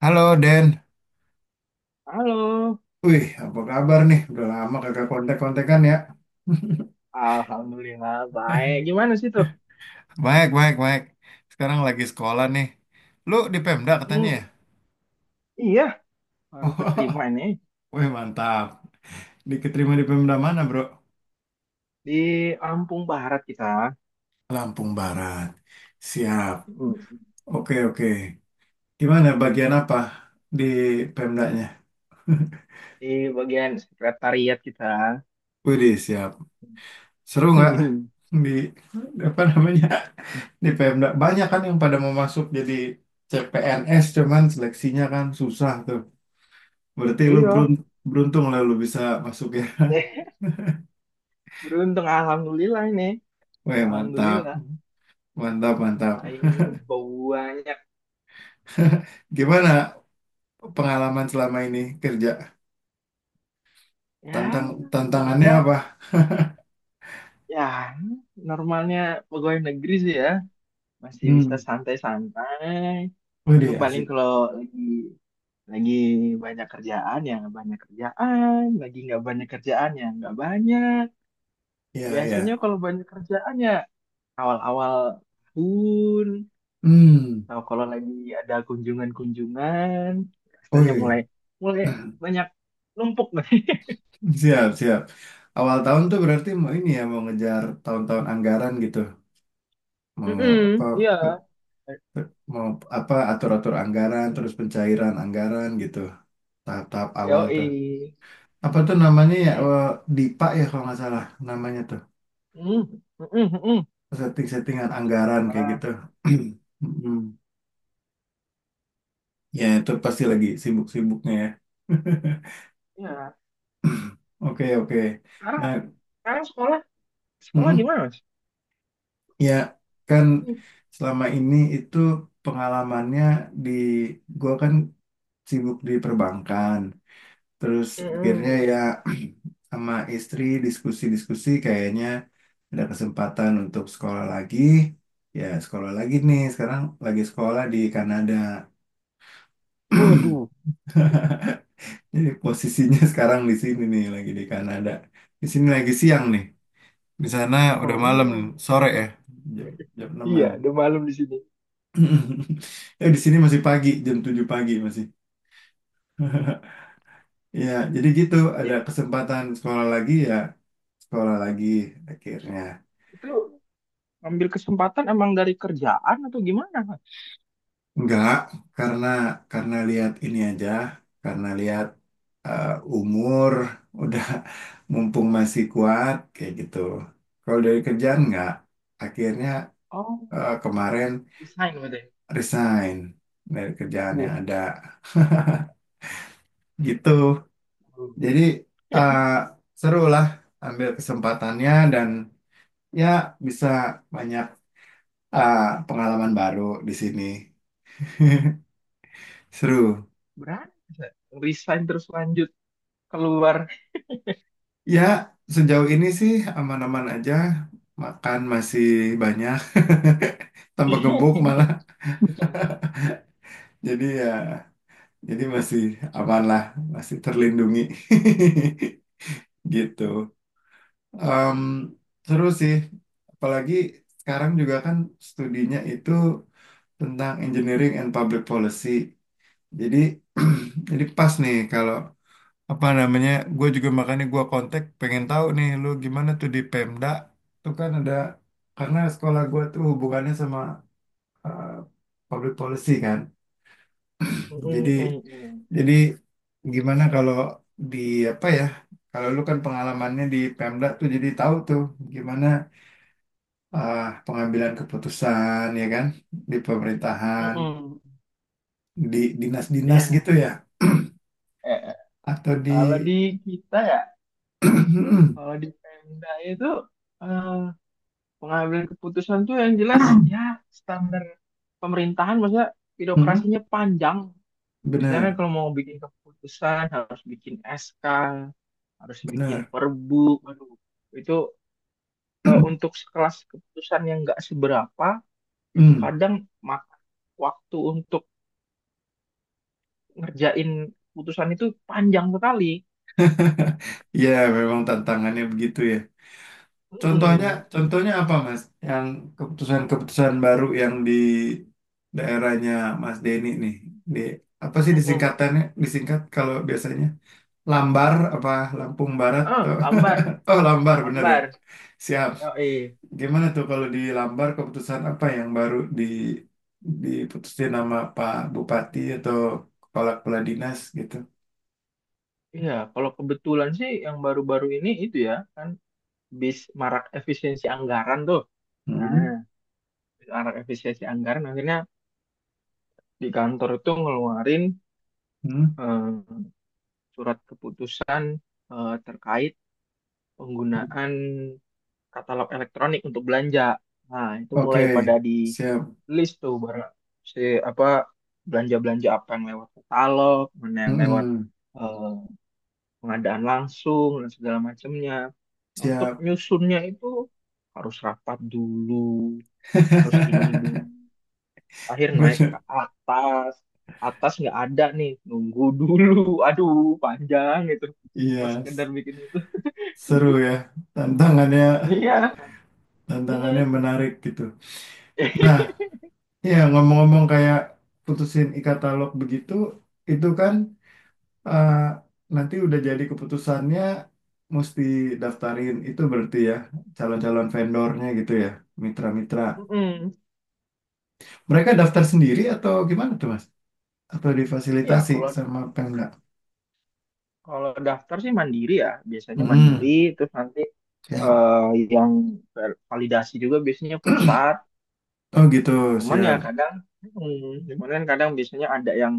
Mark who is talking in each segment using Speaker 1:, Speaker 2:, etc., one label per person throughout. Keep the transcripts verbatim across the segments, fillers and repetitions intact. Speaker 1: Halo Den,
Speaker 2: Halo,
Speaker 1: wih apa kabar nih? Udah lama kagak kontak-kontakan ya.
Speaker 2: Alhamdulillah baik. Gimana sih tuh?
Speaker 1: Baik, baik, baik. Sekarang lagi sekolah nih. Lu di Pemda katanya ya?
Speaker 2: Hmm, iya, baru keterima ini
Speaker 1: Wih mantap. Diketerima di Pemda mana, bro?
Speaker 2: di Lampung Barat kita.
Speaker 1: Lampung Barat. Siap.
Speaker 2: Hmm,
Speaker 1: Oke, oke. Gimana bagian apa di Pemdanya?
Speaker 2: di bagian sekretariat kita.
Speaker 1: Wih siap. Seru nggak di apa namanya, di Pemda? Banyak kan yang pada mau masuk jadi C P N S, cuman seleksinya kan susah tuh. Berarti lu
Speaker 2: Iya.
Speaker 1: berun- Beruntung lah lu bisa masuk ya.
Speaker 2: Eh, beruntung Alhamdulillah ini.
Speaker 1: Weh mantap,
Speaker 2: Alhamdulillah,
Speaker 1: mantap, mantap.
Speaker 2: saingannya banyak.
Speaker 1: Gimana pengalaman selama ini kerja?
Speaker 2: Ya,
Speaker 1: Tantang Tantangannya
Speaker 2: kerja,
Speaker 1: apa?
Speaker 2: ya normalnya pegawai negeri sih ya, masih bisa
Speaker 1: Hmm.
Speaker 2: santai-santai. Mana
Speaker 1: Widih
Speaker 2: paling
Speaker 1: asik.
Speaker 2: kalau lagi Lagi banyak kerjaan ya nggak banyak kerjaan, lagi nggak banyak kerjaan ya nggak banyak.
Speaker 1: Ya,
Speaker 2: Biasanya
Speaker 1: ya.
Speaker 2: kalau banyak kerjaan ya awal-awal tahun,
Speaker 1: Hmm.
Speaker 2: atau kalau lagi ada kunjungan-kunjungan, biasanya
Speaker 1: Wih,
Speaker 2: mulai mulai banyak numpuk nih.
Speaker 1: siap, siap. Awal tahun tuh berarti mau ini ya, mau ngejar tahun-tahun anggaran gitu. mau
Speaker 2: Mm-mm.
Speaker 1: apa
Speaker 2: Iya,
Speaker 1: pe- Mau apa atur-atur anggaran, terus pencairan anggaran gitu tahap-tahap awal tuh,
Speaker 2: yoi.
Speaker 1: apa tuh namanya ya,
Speaker 2: Iya.
Speaker 1: eh, DIPA ya kalau nggak salah namanya tuh,
Speaker 2: Mm, mm, mm, mm.
Speaker 1: setting-settingan anggaran kayak
Speaker 2: Wah,
Speaker 1: gitu. mm Ya itu pasti lagi sibuk-sibuknya ya.
Speaker 2: iya.
Speaker 1: Oke, oke.
Speaker 2: Sekarang,
Speaker 1: Nah,
Speaker 2: sekarang sekolah, sekolah
Speaker 1: mm,
Speaker 2: gimana, Mas?
Speaker 1: ya kan
Speaker 2: Mm.
Speaker 1: selama ini itu pengalamannya di gua kan sibuk di perbankan. Terus akhirnya ya,
Speaker 2: Mm-mm.
Speaker 1: sama istri diskusi-diskusi kayaknya ada kesempatan untuk sekolah lagi. Ya sekolah lagi nih, sekarang lagi sekolah di Kanada.
Speaker 2: Waduh.
Speaker 1: Jadi posisinya sekarang di sini nih lagi di Kanada. Di sini lagi siang nih. Di sana udah malam,
Speaker 2: Oh.
Speaker 1: sore ya, jam jam
Speaker 2: Iya,
Speaker 1: enam.
Speaker 2: udah malam di sini.
Speaker 1: Ya, di sini masih pagi, jam tujuh pagi masih. Ya jadi gitu, ada
Speaker 2: Berarti
Speaker 1: kesempatan sekolah lagi ya, sekolah lagi akhirnya.
Speaker 2: itu ngambil kesempatan emang dari kerjaan atau gimana, Mas?
Speaker 1: Enggak, karena karena lihat ini aja, karena lihat eh, umur udah, mumpung masih kuat kayak gitu. Kalau dari kerjaan enggak, akhirnya
Speaker 2: Oh,
Speaker 1: eh, kemarin
Speaker 2: resign berarti.
Speaker 1: resign dari kerjaan yang
Speaker 2: Wah,
Speaker 1: ada gitu. Jadi eh, seru lah ambil kesempatannya, dan ya bisa banyak ah, pengalaman baru di sini. Seru.
Speaker 2: berani, Mas. Resign terus lanjut keluar.
Speaker 1: Ya, sejauh ini sih aman-aman aja. Makan masih banyak. Tambah gemuk malah. Jadi ya, jadi masih aman lah. Masih terlindungi. Gitu. Em, Seru sih. Apalagi sekarang juga kan studinya itu tentang engineering and public policy. Jadi, jadi pas nih kalau apa namanya, gue juga makanya gue kontak pengen tahu nih lu gimana tuh di Pemda, tuh kan ada, karena sekolah gue tuh hubungannya sama eh, public policy kan. jadi
Speaker 2: Mm-mm-mm-mm.
Speaker 1: jadi gimana kalau di apa ya, kalau lu kan pengalamannya di Pemda tuh jadi tahu tuh gimana eh, pengambilan keputusan ya kan, di pemerintahan,
Speaker 2: Mm-mm.
Speaker 1: di dinas-dinas
Speaker 2: Ya,
Speaker 1: gitu ya,
Speaker 2: eh, eh.
Speaker 1: atau di
Speaker 2: Kalau di kita ya, kalau di Pemda itu eh, pengambilan keputusan tuh yang jelas ya standar pemerintahan, maksudnya birokrasinya panjang. Biasanya
Speaker 1: benar,
Speaker 2: kan
Speaker 1: benar,
Speaker 2: kalau mau bikin keputusan harus bikin S K, harus bikin
Speaker 1: benar.
Speaker 2: perbu. Aduh, itu eh, untuk sekelas keputusan yang nggak seberapa, itu
Speaker 1: Hmm.
Speaker 2: kadang makan waktu untuk ngerjain keputusan itu panjang sekali.
Speaker 1: Ya, memang tantangannya begitu ya. Contohnya,
Speaker 2: Mm-mm.
Speaker 1: contohnya apa, Mas? Yang keputusan-keputusan baru yang di daerahnya Mas Denny nih. Di apa sih
Speaker 2: Mm-mm.
Speaker 1: disingkatannya? Disingkat kalau biasanya Lambar apa, Lampung Barat
Speaker 2: Heeh,
Speaker 1: tuh.
Speaker 2: lambar,
Speaker 1: Oh, Lambar bener ya.
Speaker 2: lambar.
Speaker 1: Siap.
Speaker 2: Yoi.
Speaker 1: Gimana tuh kalau di Lambar keputusan apa yang baru di diputusin nama Pak Bupati atau kepala kepala dinas gitu?
Speaker 2: Iya, kalau kebetulan sih yang baru-baru ini itu ya, kan bis marak efisiensi anggaran tuh.
Speaker 1: Hmm.
Speaker 2: Nah, bis marak efisiensi anggaran akhirnya di kantor itu ngeluarin
Speaker 1: Hmm.
Speaker 2: eh, surat keputusan eh, terkait penggunaan katalog elektronik untuk belanja. Nah, itu mulai
Speaker 1: Oke,
Speaker 2: pada di
Speaker 1: siap.
Speaker 2: list tuh barang si apa belanja-belanja apa yang lewat katalog, mana yang lewat
Speaker 1: Mm-mm,
Speaker 2: eh, pengadaan langsung dan segala macamnya. Untuk
Speaker 1: siap.
Speaker 2: nyusunnya itu harus rapat dulu, harus ini dulu akhir naik ke
Speaker 1: Bener.
Speaker 2: atas, atas nggak ada nih nunggu dulu aduh panjang itu mau
Speaker 1: Iya,
Speaker 2: sekedar bikin itu
Speaker 1: seru ya. Tantangannya,
Speaker 2: iya
Speaker 1: tantangannya
Speaker 2: mm-mm.
Speaker 1: menarik gitu. Nah, ya ngomong-ngomong kayak putusin e-katalog begitu, itu kan eh, nanti udah jadi keputusannya mesti daftarin. Itu berarti ya calon-calon vendornya gitu ya, mitra-mitra.
Speaker 2: Mm-mm.
Speaker 1: Mereka daftar sendiri atau gimana tuh, Mas? Atau
Speaker 2: Iya,
Speaker 1: difasilitasi
Speaker 2: kalau da-
Speaker 1: sama Pemda?
Speaker 2: kalau daftar sih mandiri ya biasanya mandiri,
Speaker 1: Hmm,
Speaker 2: terus nanti
Speaker 1: siap.
Speaker 2: eh, yang ver- validasi juga biasanya pusat,
Speaker 1: Oh gitu,
Speaker 2: cuman ya
Speaker 1: siap.
Speaker 2: kadang mm, cuman kan kadang biasanya ada yang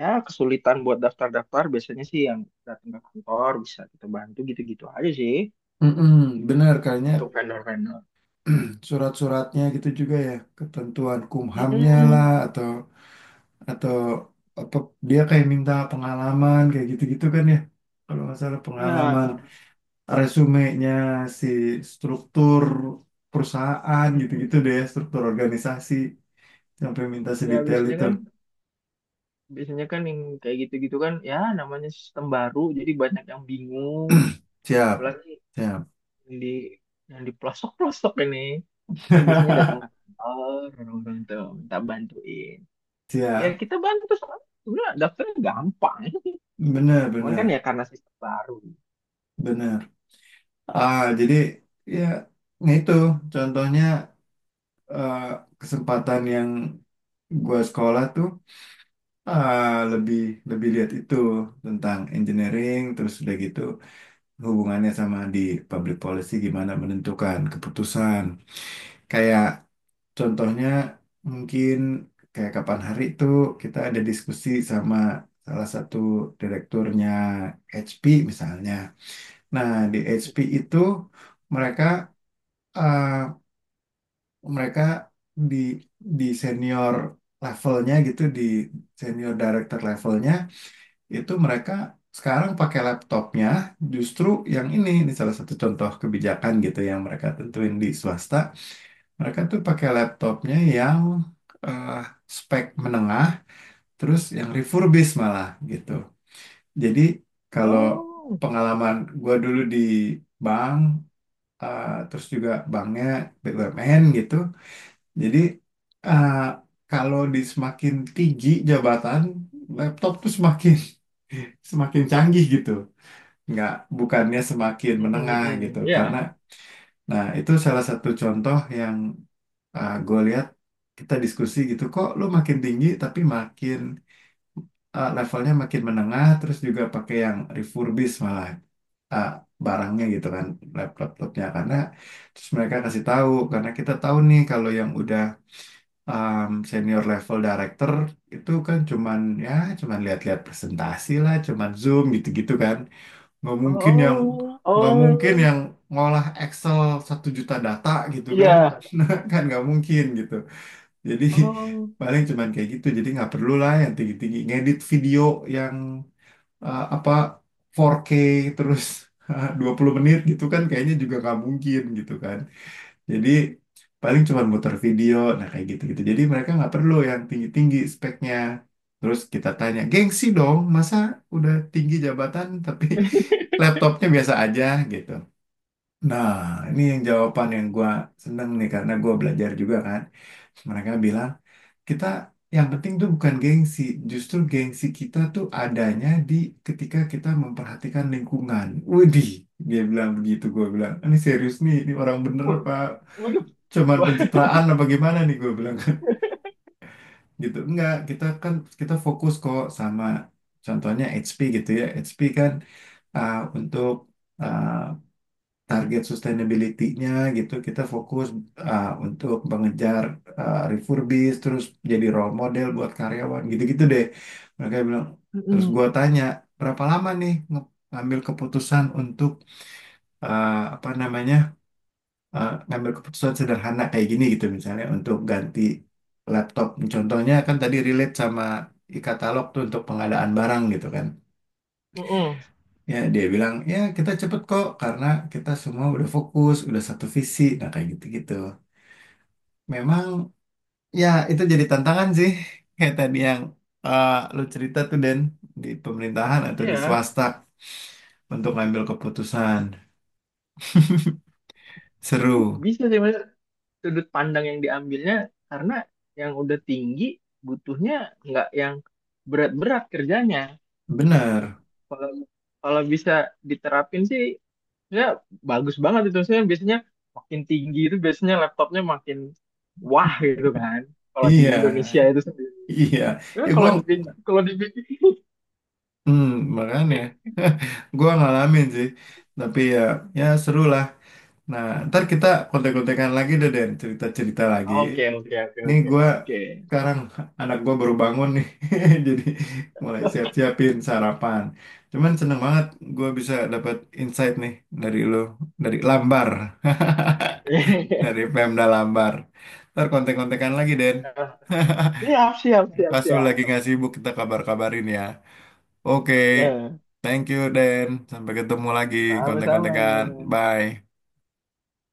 Speaker 2: ya kesulitan buat daftar-daftar biasanya sih yang datang ke kantor bisa kita bantu gitu-gitu aja sih
Speaker 1: Mm-mm, benar kayaknya.
Speaker 2: untuk vendor-vendor.
Speaker 1: Surat-suratnya gitu juga ya, ketentuan kumhamnya lah,
Speaker 2: Mm-mm.
Speaker 1: atau atau apa dia kayak minta pengalaman kayak gitu-gitu kan ya, kalau nggak salah pengalaman
Speaker 2: Ya,
Speaker 1: resumenya, si struktur perusahaan gitu-gitu
Speaker 2: mm-mm,
Speaker 1: deh, struktur organisasi, sampai minta
Speaker 2: ya
Speaker 1: sedetail
Speaker 2: biasanya
Speaker 1: itu.
Speaker 2: kan, biasanya kan yang kayak gitu-gitu kan, ya namanya sistem baru, jadi banyak yang bingung,
Speaker 1: Siap,
Speaker 2: apalagi
Speaker 1: siap.
Speaker 2: yang di yang di pelosok-pelosok ini, dia biasanya datang ke kantor, orang-orang tuh minta bantuin. Ya
Speaker 1: Siap,
Speaker 2: kita bantu soalnya sebenarnya daftarnya gampang,
Speaker 1: benar,
Speaker 2: cuman kan ya
Speaker 1: benar,
Speaker 2: karena sistem baru.
Speaker 1: benar. Ah jadi ya nah itu contohnya, eh, kesempatan yang gua sekolah tuh eh, lebih lebih lihat itu tentang engineering, terus udah gitu hubungannya sama di public policy, gimana menentukan keputusan, kayak contohnya mungkin kayak kapan hari itu kita ada diskusi sama salah satu direkturnya ha pe misalnya. Nah, di ha pe itu mereka eh, mereka di di senior levelnya gitu, di senior director levelnya, itu mereka sekarang pakai laptopnya, justru yang ini ini salah satu contoh kebijakan gitu yang mereka tentuin di swasta, mereka tuh pakai laptopnya yang eh, spek menengah, terus yang refurbished malah gitu. Jadi kalau
Speaker 2: Oh,
Speaker 1: pengalaman gua dulu di bank, eh, terus juga banknya be u em en gitu, jadi eh, kalau di semakin tinggi jabatan, laptop tuh semakin semakin canggih gitu. Nggak, bukannya semakin menengah gitu.
Speaker 2: mm, ya,
Speaker 1: Karena, nah itu salah satu contoh yang gue lihat kita diskusi gitu. Kok lu makin tinggi tapi makin eh, levelnya makin menengah, terus juga pakai yang refurbished malah eh, barangnya gitu kan, laptop-laptopnya. Karena terus mereka kasih tahu, karena kita tahu nih kalau yang udah um, senior level director itu kan cuman ya cuman lihat-lihat presentasi lah, cuman Zoom gitu-gitu kan. Nggak mungkin yang
Speaker 2: oh,
Speaker 1: nggak mungkin
Speaker 2: oh,
Speaker 1: yang ngolah Excel satu juta data gitu kan.
Speaker 2: ya,
Speaker 1: Kan nggak mungkin gitu. Jadi
Speaker 2: oh,
Speaker 1: paling cuman kayak gitu. Jadi nggak perlu lah yang tinggi-tinggi ngedit video yang uh, apa empat K terus dua puluh menit gitu kan, kayaknya juga nggak mungkin gitu kan. Jadi paling cuma muter video, nah kayak gitu-gitu. Jadi mereka nggak perlu yang tinggi-tinggi speknya. Terus kita tanya, gengsi dong, masa udah tinggi jabatan tapi laptopnya biasa aja gitu. Nah, ini yang jawaban yang gua seneng nih, karena gua belajar juga kan. Mereka bilang, kita yang penting tuh bukan gengsi, justru gengsi kita tuh adanya di ketika kita memperhatikan lingkungan. Widih, dia bilang begitu, gua bilang, ini serius nih, ini orang bener apa
Speaker 2: waduh.
Speaker 1: cuman
Speaker 2: Wah.
Speaker 1: pencitraan apa gimana nih, gue bilang kan. Gitu enggak, kita kan kita fokus kok sama contohnya ha pe gitu ya, ha pe kan uh, untuk uh, target sustainability-nya gitu, kita fokus uh, untuk mengejar uh, refurbish, terus jadi role model buat karyawan gitu-gitu deh, mereka bilang. Terus gue tanya berapa lama nih nge- ngambil keputusan untuk uh, apa namanya, eh, ngambil keputusan sederhana kayak gini gitu, misalnya untuk ganti laptop. Contohnya kan tadi relate sama e-katalog tuh untuk pengadaan barang gitu kan.
Speaker 2: Mm-mm.
Speaker 1: Ya dia bilang ya kita cepet kok, karena kita semua udah fokus, udah satu visi. Nah kayak gitu-gitu. Memang ya itu jadi tantangan sih, kayak tadi yang eh, lu cerita tuh Den, di pemerintahan atau di
Speaker 2: Iya,
Speaker 1: swasta untuk ngambil keputusan.
Speaker 2: bi-
Speaker 1: Seru.
Speaker 2: bisa sih mas, sudut pandang yang diambilnya karena yang udah tinggi butuhnya nggak yang berat-berat kerjanya.
Speaker 1: Bener.
Speaker 2: Kalau kalau bisa diterapin sih ya bagus banget itu. Saya biasanya makin tinggi itu biasanya laptopnya makin wah gitu kan. Kalau di
Speaker 1: Iya.
Speaker 2: Indonesia itu sendiri.
Speaker 1: Iya.
Speaker 2: Ya,
Speaker 1: Ya
Speaker 2: kalau
Speaker 1: gua,
Speaker 2: dipikir kalau dipikir
Speaker 1: Hmm, makanya gua ngalamin sih, tapi ya ya seru lah. Nah, ntar kita kontek-kontekan lagi deh Den, cerita-cerita lagi.
Speaker 2: oke oke oke
Speaker 1: Nih
Speaker 2: oke
Speaker 1: gua
Speaker 2: oke.
Speaker 1: sekarang anak gua baru bangun nih, jadi mulai siap-siapin sarapan. Cuman seneng banget gua bisa dapat insight nih dari lo, dari Lambar, dari Pemda Lambar. Ntar kontek-kontekan lagi Den.
Speaker 2: Siap siap siap
Speaker 1: Pas lu lagi
Speaker 2: siap.
Speaker 1: nggak sibuk kita kabar-kabarin ya. Oke,
Speaker 2: Nah,
Speaker 1: thank you, Dan. Sampai ketemu lagi,
Speaker 2: sama-sama.
Speaker 1: kontek-kontekan. Bye.